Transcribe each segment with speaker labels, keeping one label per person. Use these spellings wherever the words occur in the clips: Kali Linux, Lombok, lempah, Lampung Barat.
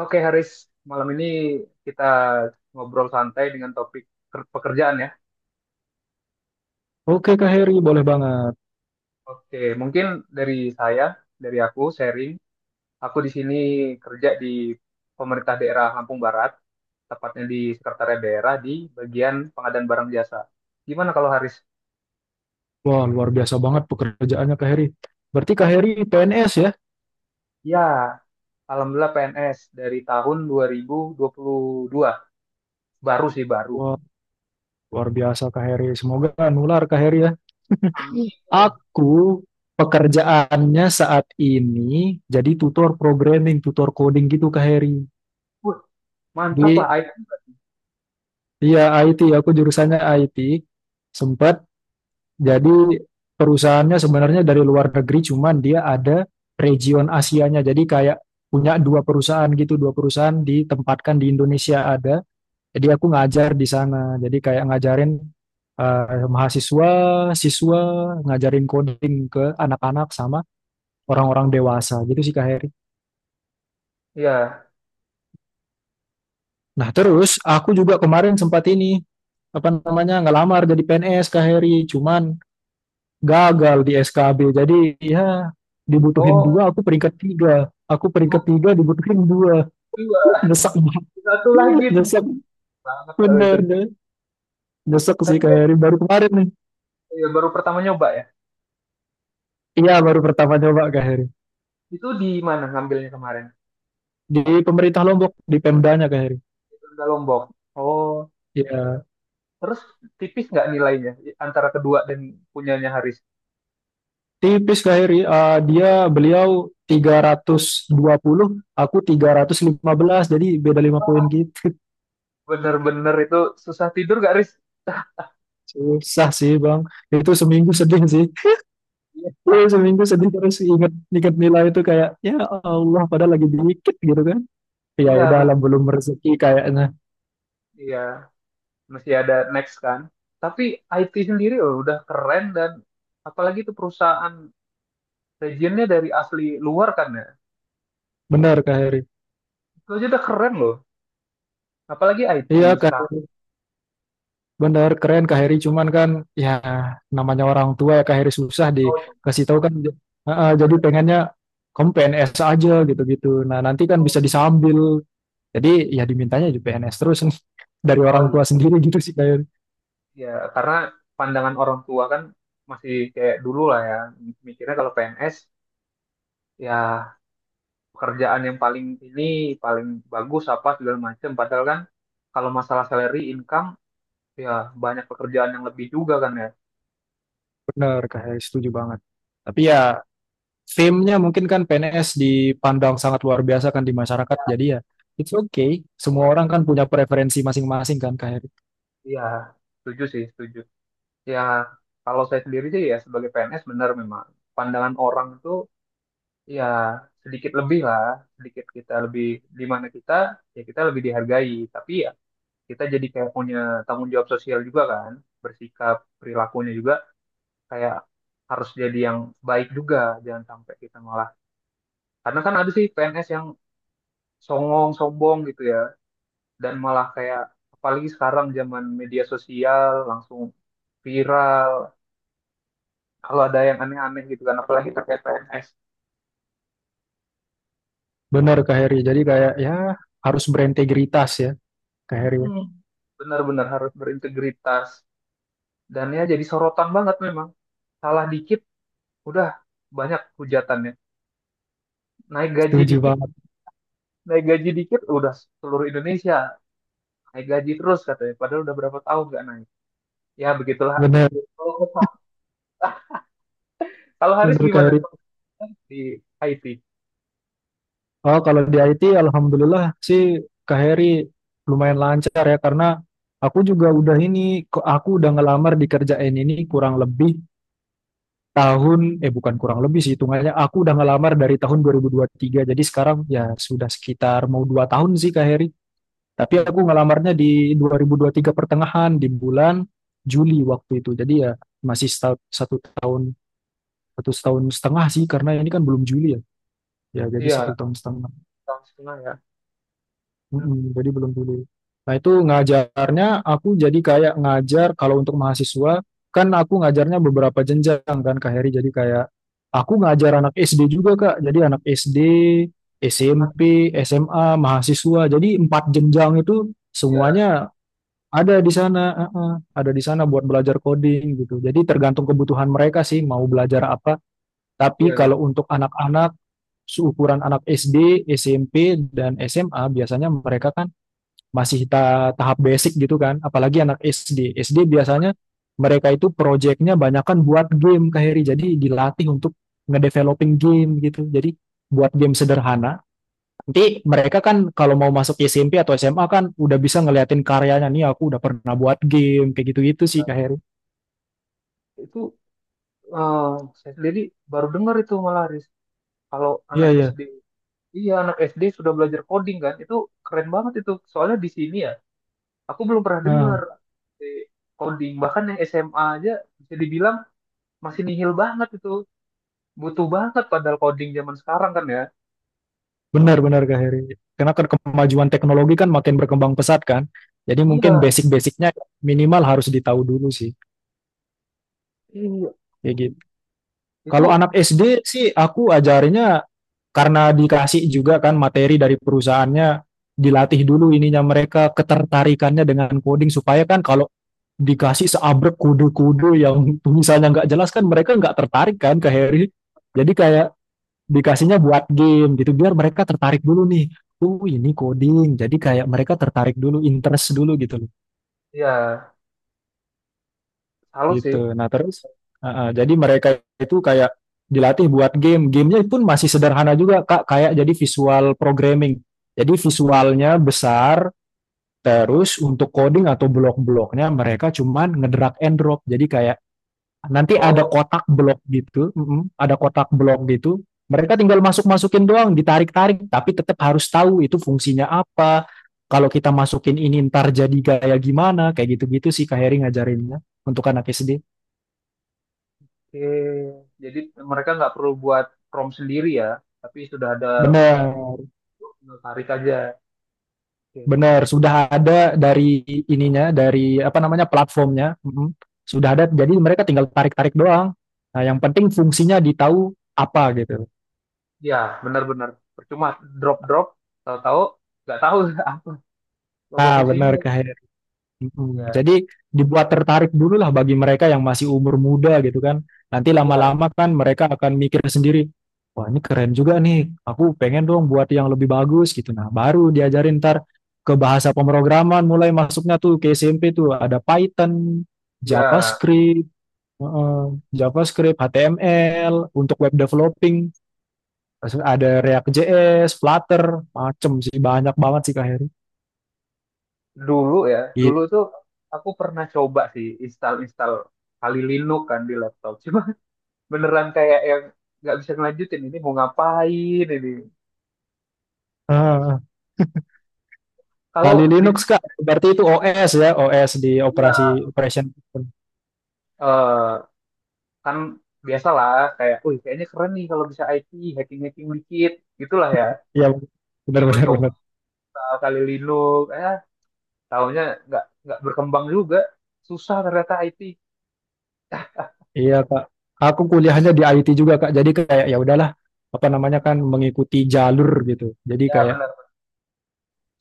Speaker 1: Oke, Haris, malam ini kita ngobrol santai dengan topik pekerjaan ya.
Speaker 2: Oke Kak Heri, boleh banget.
Speaker 1: Oke, mungkin dari saya, dari aku sharing, aku di sini kerja di pemerintah daerah Lampung Barat, tepatnya di Sekretariat Daerah di bagian pengadaan barang jasa. Gimana kalau Haris?
Speaker 2: Wah, luar biasa banget pekerjaannya Kak Heri. Berarti Kak Heri PNS ya?
Speaker 1: Ya, alhamdulillah PNS dari tahun dua 2022. Baru sih baru.
Speaker 2: Wah, luar biasa Kak Heri. Semoga nular Kak Heri ya.
Speaker 1: Amin.
Speaker 2: Aku pekerjaannya saat ini jadi tutor programming, tutor coding gitu Kak Heri.
Speaker 1: Wah, mantap
Speaker 2: Di
Speaker 1: lah. I-
Speaker 2: iya, IT, aku jurusannya IT. Sempat jadi perusahaannya sebenarnya dari luar negeri, cuman dia ada region Asianya. Jadi kayak punya dua perusahaan gitu, dua perusahaan ditempatkan di Indonesia ada. Jadi aku ngajar di sana. Jadi kayak ngajarin eh, mahasiswa, siswa, ngajarin coding ke anak-anak sama orang-orang dewasa gitu sih Kak Heri.
Speaker 1: Ya.
Speaker 2: Nah terus aku juga kemarin sempat ini apa namanya ngelamar jadi PNS Kak Heri, cuman gagal di SKB. Jadi ya dibutuhin
Speaker 1: Oh,
Speaker 2: dua, aku peringkat tiga. Aku peringkat
Speaker 1: wah,
Speaker 2: tiga dibutuhin dua.
Speaker 1: dua.
Speaker 2: Nyesek banget.
Speaker 1: Satu lagi.
Speaker 2: Nyesek
Speaker 1: Banget kalau itu.
Speaker 2: bener deh. Nyesek sih
Speaker 1: Tapi
Speaker 2: Kak
Speaker 1: ya,
Speaker 2: Heri. Baru kemarin nih.
Speaker 1: ya baru pertama nyoba ya.
Speaker 2: Iya baru pertama coba Kak Heri.
Speaker 1: Itu di mana ngambilnya kemarin?
Speaker 2: Di pemerintah Lombok di Pemdanya Kak Heri.
Speaker 1: Di Lombok. Oh,
Speaker 2: Ya,
Speaker 1: terus tipis nggak nilainya antara kedua dan punyanya Haris?
Speaker 2: tipis Kak Heri. Eh, dia beliau 320, aku 315, jadi beda 5 poin
Speaker 1: Wah,
Speaker 2: gitu.
Speaker 1: bener-bener itu susah tidur gak Haris?
Speaker 2: Susah sih Bang. Itu seminggu sedih sih.
Speaker 1: Iya,
Speaker 2: Iya, seminggu sedih terus ingat ingat nilai itu kayak ya Allah padahal lagi dikit gitu kan. Ya
Speaker 1: iya
Speaker 2: udah
Speaker 1: bener.
Speaker 2: lah belum rezeki kayaknya.
Speaker 1: Iya, masih ada next kan. Tapi IT sendiri loh, udah keren dan apalagi itu perusahaan regionnya dari asli luar kan ya.
Speaker 2: Benar Kak Heri.
Speaker 1: Itu aja udah keren loh. Apalagi IT
Speaker 2: Iya Kak.
Speaker 1: sekarang.
Speaker 2: Bener, keren Kak Heri. Cuman kan ya namanya orang tua ya Kak Heri susah
Speaker 1: Oh,
Speaker 2: dikasih tahu kan. Heeh, jadi
Speaker 1: bener.
Speaker 2: pengennya kamu P N s aja gitu-gitu. Nah nanti kan
Speaker 1: Oh,
Speaker 2: bisa disambil. Jadi ya dimintanya juga PNS terus nih. Dari
Speaker 1: oh,
Speaker 2: orang
Speaker 1: iya.
Speaker 2: tua sendiri gitu sih Kak Heri.
Speaker 1: Ya, karena pandangan orang tua kan masih kayak dulu lah ya, mikirnya kalau PNS ya pekerjaan yang paling ini paling bagus apa segala macam. Padahal kan kalau masalah salary, income, ya banyak pekerjaan yang lebih juga kan ya.
Speaker 2: Bener Kak Heri, setuju banget. Tapi ya fame-nya mungkin kan PNS dipandang sangat luar biasa kan di masyarakat. Jadi ya it's okay. Semua orang kan punya preferensi masing-masing kan Kak Heri.
Speaker 1: Iya, setuju sih, setuju. Ya, kalau saya sendiri sih ya sebagai PNS benar memang pandangan orang itu ya sedikit lebih lah, sedikit kita lebih di mana kita ya kita lebih dihargai. Tapi ya kita jadi kayak punya tanggung jawab sosial juga kan, bersikap perilakunya juga kayak harus jadi yang baik juga, jangan sampai kita malah, karena kan ada sih PNS yang songong sombong gitu ya, dan malah kayak apalagi sekarang zaman media sosial langsung viral kalau ada yang aneh-aneh gitu kan, apalagi terkait PNS.
Speaker 2: Bener Kak Heri. Jadi kayak ya harus berintegritas ya Kak Heri, ya.
Speaker 1: Hmm, benar-benar harus berintegritas dan ya jadi sorotan banget memang. Salah dikit udah banyak hujatannya. Naik gaji
Speaker 2: Setuju
Speaker 1: dikit,
Speaker 2: banget.
Speaker 1: naik gaji dikit, udah seluruh Indonesia naik gaji terus katanya padahal udah berapa tahun nggak naik. Ya begitulah.
Speaker 2: Bener,
Speaker 1: Kalau kalau Haris
Speaker 2: bener Kak
Speaker 1: gimana
Speaker 2: Heri.
Speaker 1: di IT?
Speaker 2: Oh, kalau di IT alhamdulillah sih Kak Heri lumayan lancar ya karena aku juga udah ini aku udah ngelamar di kerjaan ini kurang lebih tahun eh bukan kurang lebih sih hitungannya aku udah ngelamar dari tahun 2023. Jadi sekarang ya sudah sekitar mau 2 tahun sih Kak Heri. Tapi
Speaker 1: Hmm.
Speaker 2: aku ngelamarnya di 2023 pertengahan di bulan Juli waktu itu. Jadi ya masih satu tahun setengah sih karena ini kan belum Juli ya. Ya, jadi
Speaker 1: Iya
Speaker 2: satu tahun setengah.
Speaker 1: tahun setengah ya. Hmm.
Speaker 2: Mm-mm, jadi belum dulu. Nah, itu ngajarnya aku jadi kayak ngajar kalau untuk mahasiswa, kan aku ngajarnya beberapa jenjang kan Kak Heri. Jadi kayak aku ngajar anak SD juga Kak. Jadi anak SD, SMP, SMA, mahasiswa. Jadi empat jenjang itu
Speaker 1: Iya,
Speaker 2: semuanya ada di sana. Ada di sana buat belajar coding gitu. Jadi tergantung kebutuhan mereka sih mau belajar apa. Tapi
Speaker 1: iya,
Speaker 2: kalau untuk anak-anak seukuran anak SD, SMP, dan SMA biasanya mereka kan masih tahap basic gitu kan. Apalagi anak SD. SD biasanya mereka itu projectnya banyak kan buat game Kak Heri. Jadi dilatih untuk ngedeveloping game gitu. Jadi buat game sederhana. Nanti mereka kan kalau mau masuk SMP atau SMA kan udah bisa ngeliatin karyanya. Nih aku udah pernah buat game kayak gitu-gitu sih Kak Heri.
Speaker 1: itu, eh, saya sendiri baru dengar itu malah Haris, kalau
Speaker 2: Iya,
Speaker 1: anak
Speaker 2: iya.
Speaker 1: SD, iya anak SD sudah belajar coding kan, itu keren banget itu soalnya di sini ya aku belum pernah dengar.
Speaker 2: Ah.
Speaker 1: eh, Coding bahkan yang SMA aja bisa dibilang masih nihil banget itu, butuh banget padahal coding zaman sekarang kan ya.
Speaker 2: Benar-benar Kak Heri. Karena kan kemajuan teknologi kan makin berkembang pesat kan. Jadi mungkin
Speaker 1: Iya,
Speaker 2: basic-basicnya minimal harus ditahu dulu sih.
Speaker 1: iya.
Speaker 2: Kayak
Speaker 1: Hmm.
Speaker 2: gitu. Kalau
Speaker 1: Itu
Speaker 2: anak SD sih aku ajarinnya karena dikasih juga kan materi dari perusahaannya dilatih dulu ininya mereka ketertarikannya dengan coding supaya kan kalau dikasih seabrek kode-kode yang misalnya nggak jelas kan mereka nggak tertarik kan Kak Heri. Jadi kayak dikasihnya buat game gitu biar mereka tertarik dulu nih, oh ini coding, jadi kayak mereka tertarik dulu interest dulu gitu loh.
Speaker 1: ya salut sih.
Speaker 2: Gitu nah terus jadi mereka itu kayak dilatih buat game, gamenya pun masih sederhana juga kak, kayak jadi visual programming, jadi visualnya besar terus untuk coding atau blok-bloknya mereka cuman ngedrag and drop, jadi kayak. Nanti ada
Speaker 1: Oh,
Speaker 2: kotak blok gitu, ada kotak blok gitu. Mereka tinggal masuk-masukin doang, ditarik-tarik, tapi tetap harus tahu itu fungsinya apa. Kalau kita masukin ini ntar jadi gaya gimana, kayak gitu-gitu sih Kak Heri ngajarinnya untuk anak SD.
Speaker 1: oke. Jadi mereka nggak perlu buat prompt sendiri ya, tapi sudah ada,
Speaker 2: Bener,
Speaker 1: tarik aja. Oke, oke.
Speaker 2: bener. Sudah ada dari ininya, dari apa namanya platformnya. Mm-mm. Sudah ada, jadi mereka tinggal tarik-tarik doang. Nah, yang penting fungsinya ditahu apa gitu.
Speaker 1: Ya, benar-benar. Percuma drop-drop, tahu-tahu nggak tahu apa apa
Speaker 2: Nah, bener
Speaker 1: fungsinya.
Speaker 2: Kak Heri.
Speaker 1: Ya,
Speaker 2: Jadi dibuat tertarik dulu lah bagi mereka yang masih umur muda gitu kan. Nanti
Speaker 1: ya,
Speaker 2: lama-lama kan mereka akan mikir sendiri, wah ini keren juga nih, aku pengen dong buat yang lebih bagus gitu. Nah baru diajarin ntar ke bahasa pemrograman mulai masuknya tuh ke SMP tuh ada Python,
Speaker 1: ya.
Speaker 2: JavaScript, heeh, JavaScript, HTML, untuk web developing, terus ada React.js, Flutter, macem sih banyak banget sih Kak Heri.
Speaker 1: Dulu ya, dulu tuh aku pernah coba sih install-install kali Linux kan di laptop. Cuma beneran kayak yang nggak bisa ngelanjutin, ini mau ngapain ini
Speaker 2: Gitu.
Speaker 1: kalau
Speaker 2: Kali
Speaker 1: di,
Speaker 2: Linux Kak, berarti itu OS ya, OS di
Speaker 1: ya,
Speaker 2: operasi operation system.
Speaker 1: eh, kan biasalah kayak wih kayaknya keren nih kalau bisa IT, hacking hacking dikit gitulah ya,
Speaker 2: Iya, benar benar
Speaker 1: coba-coba
Speaker 2: benar.
Speaker 1: kali Linux, tahunya nggak berkembang juga, susah ternyata IT
Speaker 2: Iya Kak. Aku kuliahnya di IT juga Kak. Jadi kayak ya udahlah apa namanya kan mengikuti jalur gitu. Jadi
Speaker 1: ya.
Speaker 2: kayak
Speaker 1: Benar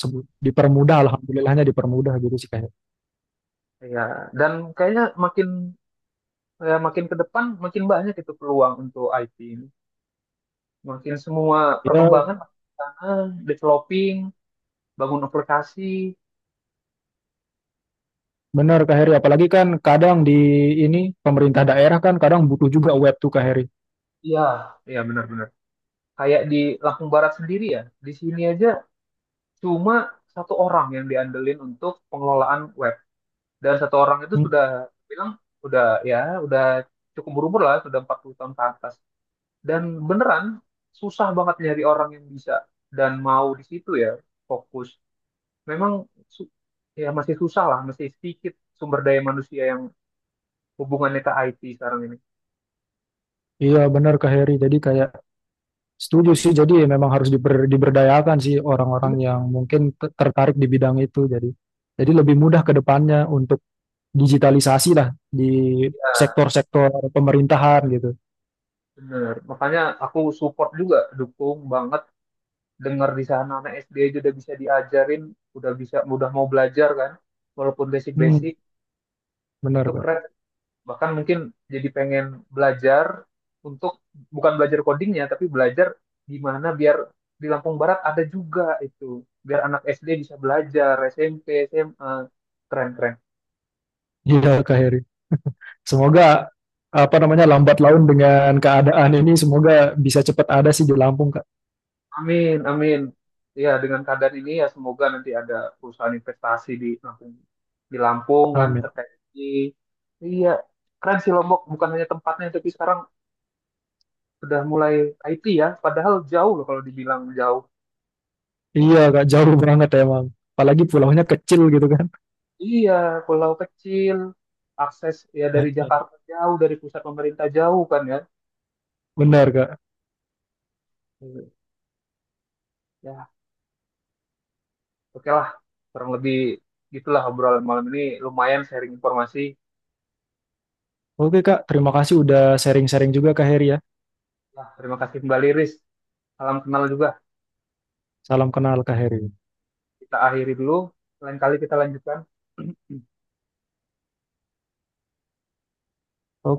Speaker 2: sebut dipermudah alhamdulillahnya dipermudah gitu sih kayak.
Speaker 1: ya, dan kayaknya makin, ya makin ke depan makin banyak itu peluang untuk IT ini, makin semua
Speaker 2: Iya,
Speaker 1: perkembangan makin ke sana, developing, bangun aplikasi.
Speaker 2: benar Kak Heri. Apalagi kan kadang di ini pemerintah daerah kan kadang butuh juga web tuh Kak Heri.
Speaker 1: Iya, iya benar-benar. Kayak di Lampung Barat sendiri ya, di sini aja cuma satu orang yang diandelin untuk pengelolaan web. Dan satu orang itu
Speaker 2: Hmm.
Speaker 1: sudah bilang, udah ya, udah cukup berumur lah, sudah 40 tahun ke atas. Dan beneran susah banget nyari orang yang bisa dan mau di situ ya fokus. Memang su- ya masih susah lah, masih sedikit sumber daya manusia yang hubungannya ke IT sekarang ini.
Speaker 2: Iya benar Kak Heri. Jadi kayak, setuju sih, jadi ya memang harus diberdayakan sih orang-orang
Speaker 1: Iya,
Speaker 2: yang mungkin tertarik di bidang itu. Jadi, lebih mudah ke depannya untuk digitalisasi lah di sektor-sektor pemerintahan gitu.
Speaker 1: bener. Makanya aku support juga, dukung banget dengar di sana anak SD aja udah bisa diajarin, udah bisa udah mau belajar kan, walaupun basic-basic
Speaker 2: Hmm, benar
Speaker 1: itu
Speaker 2: Kak.
Speaker 1: keren. Bahkan mungkin jadi pengen belajar untuk bukan belajar codingnya, tapi belajar gimana biar di Lampung Barat ada juga itu, biar anak SD bisa belajar, SMP, SMA, keren keren.
Speaker 2: Iya Kak Heri. Semoga apa namanya lambat laun dengan keadaan ini semoga bisa cepat ada sih di Lampung Kak.
Speaker 1: Amin, amin. Ya, dengan keadaan ini ya semoga nanti ada perusahaan investasi di Lampung kan
Speaker 2: Amin.
Speaker 1: terkait ini. Iya, keren sih Lombok. Bukan hanya tempatnya, tapi sekarang udah mulai IT ya. Padahal jauh loh kalau dibilang jauh.
Speaker 2: Iya Kak, jauh banget emang. Apalagi pulaunya kecil gitu kan.
Speaker 1: Iya, pulau kecil, akses ya dari Jakarta jauh, dari pusat pemerintah jauh kan ya.
Speaker 2: Benar Kak.
Speaker 1: Hmm. Ya, oke lah. Kurang lebih gitulah obrolan malam ini. Lumayan sharing informasi.
Speaker 2: Oke Kak, terima kasih udah sharing-sharing juga Kak Heri ya.
Speaker 1: Ya, terima kasih kembali Riz. Salam kenal juga.
Speaker 2: Salam kenal Kak Heri.
Speaker 1: Kita akhiri dulu, lain kali kita lanjutkan.
Speaker 2: Oke,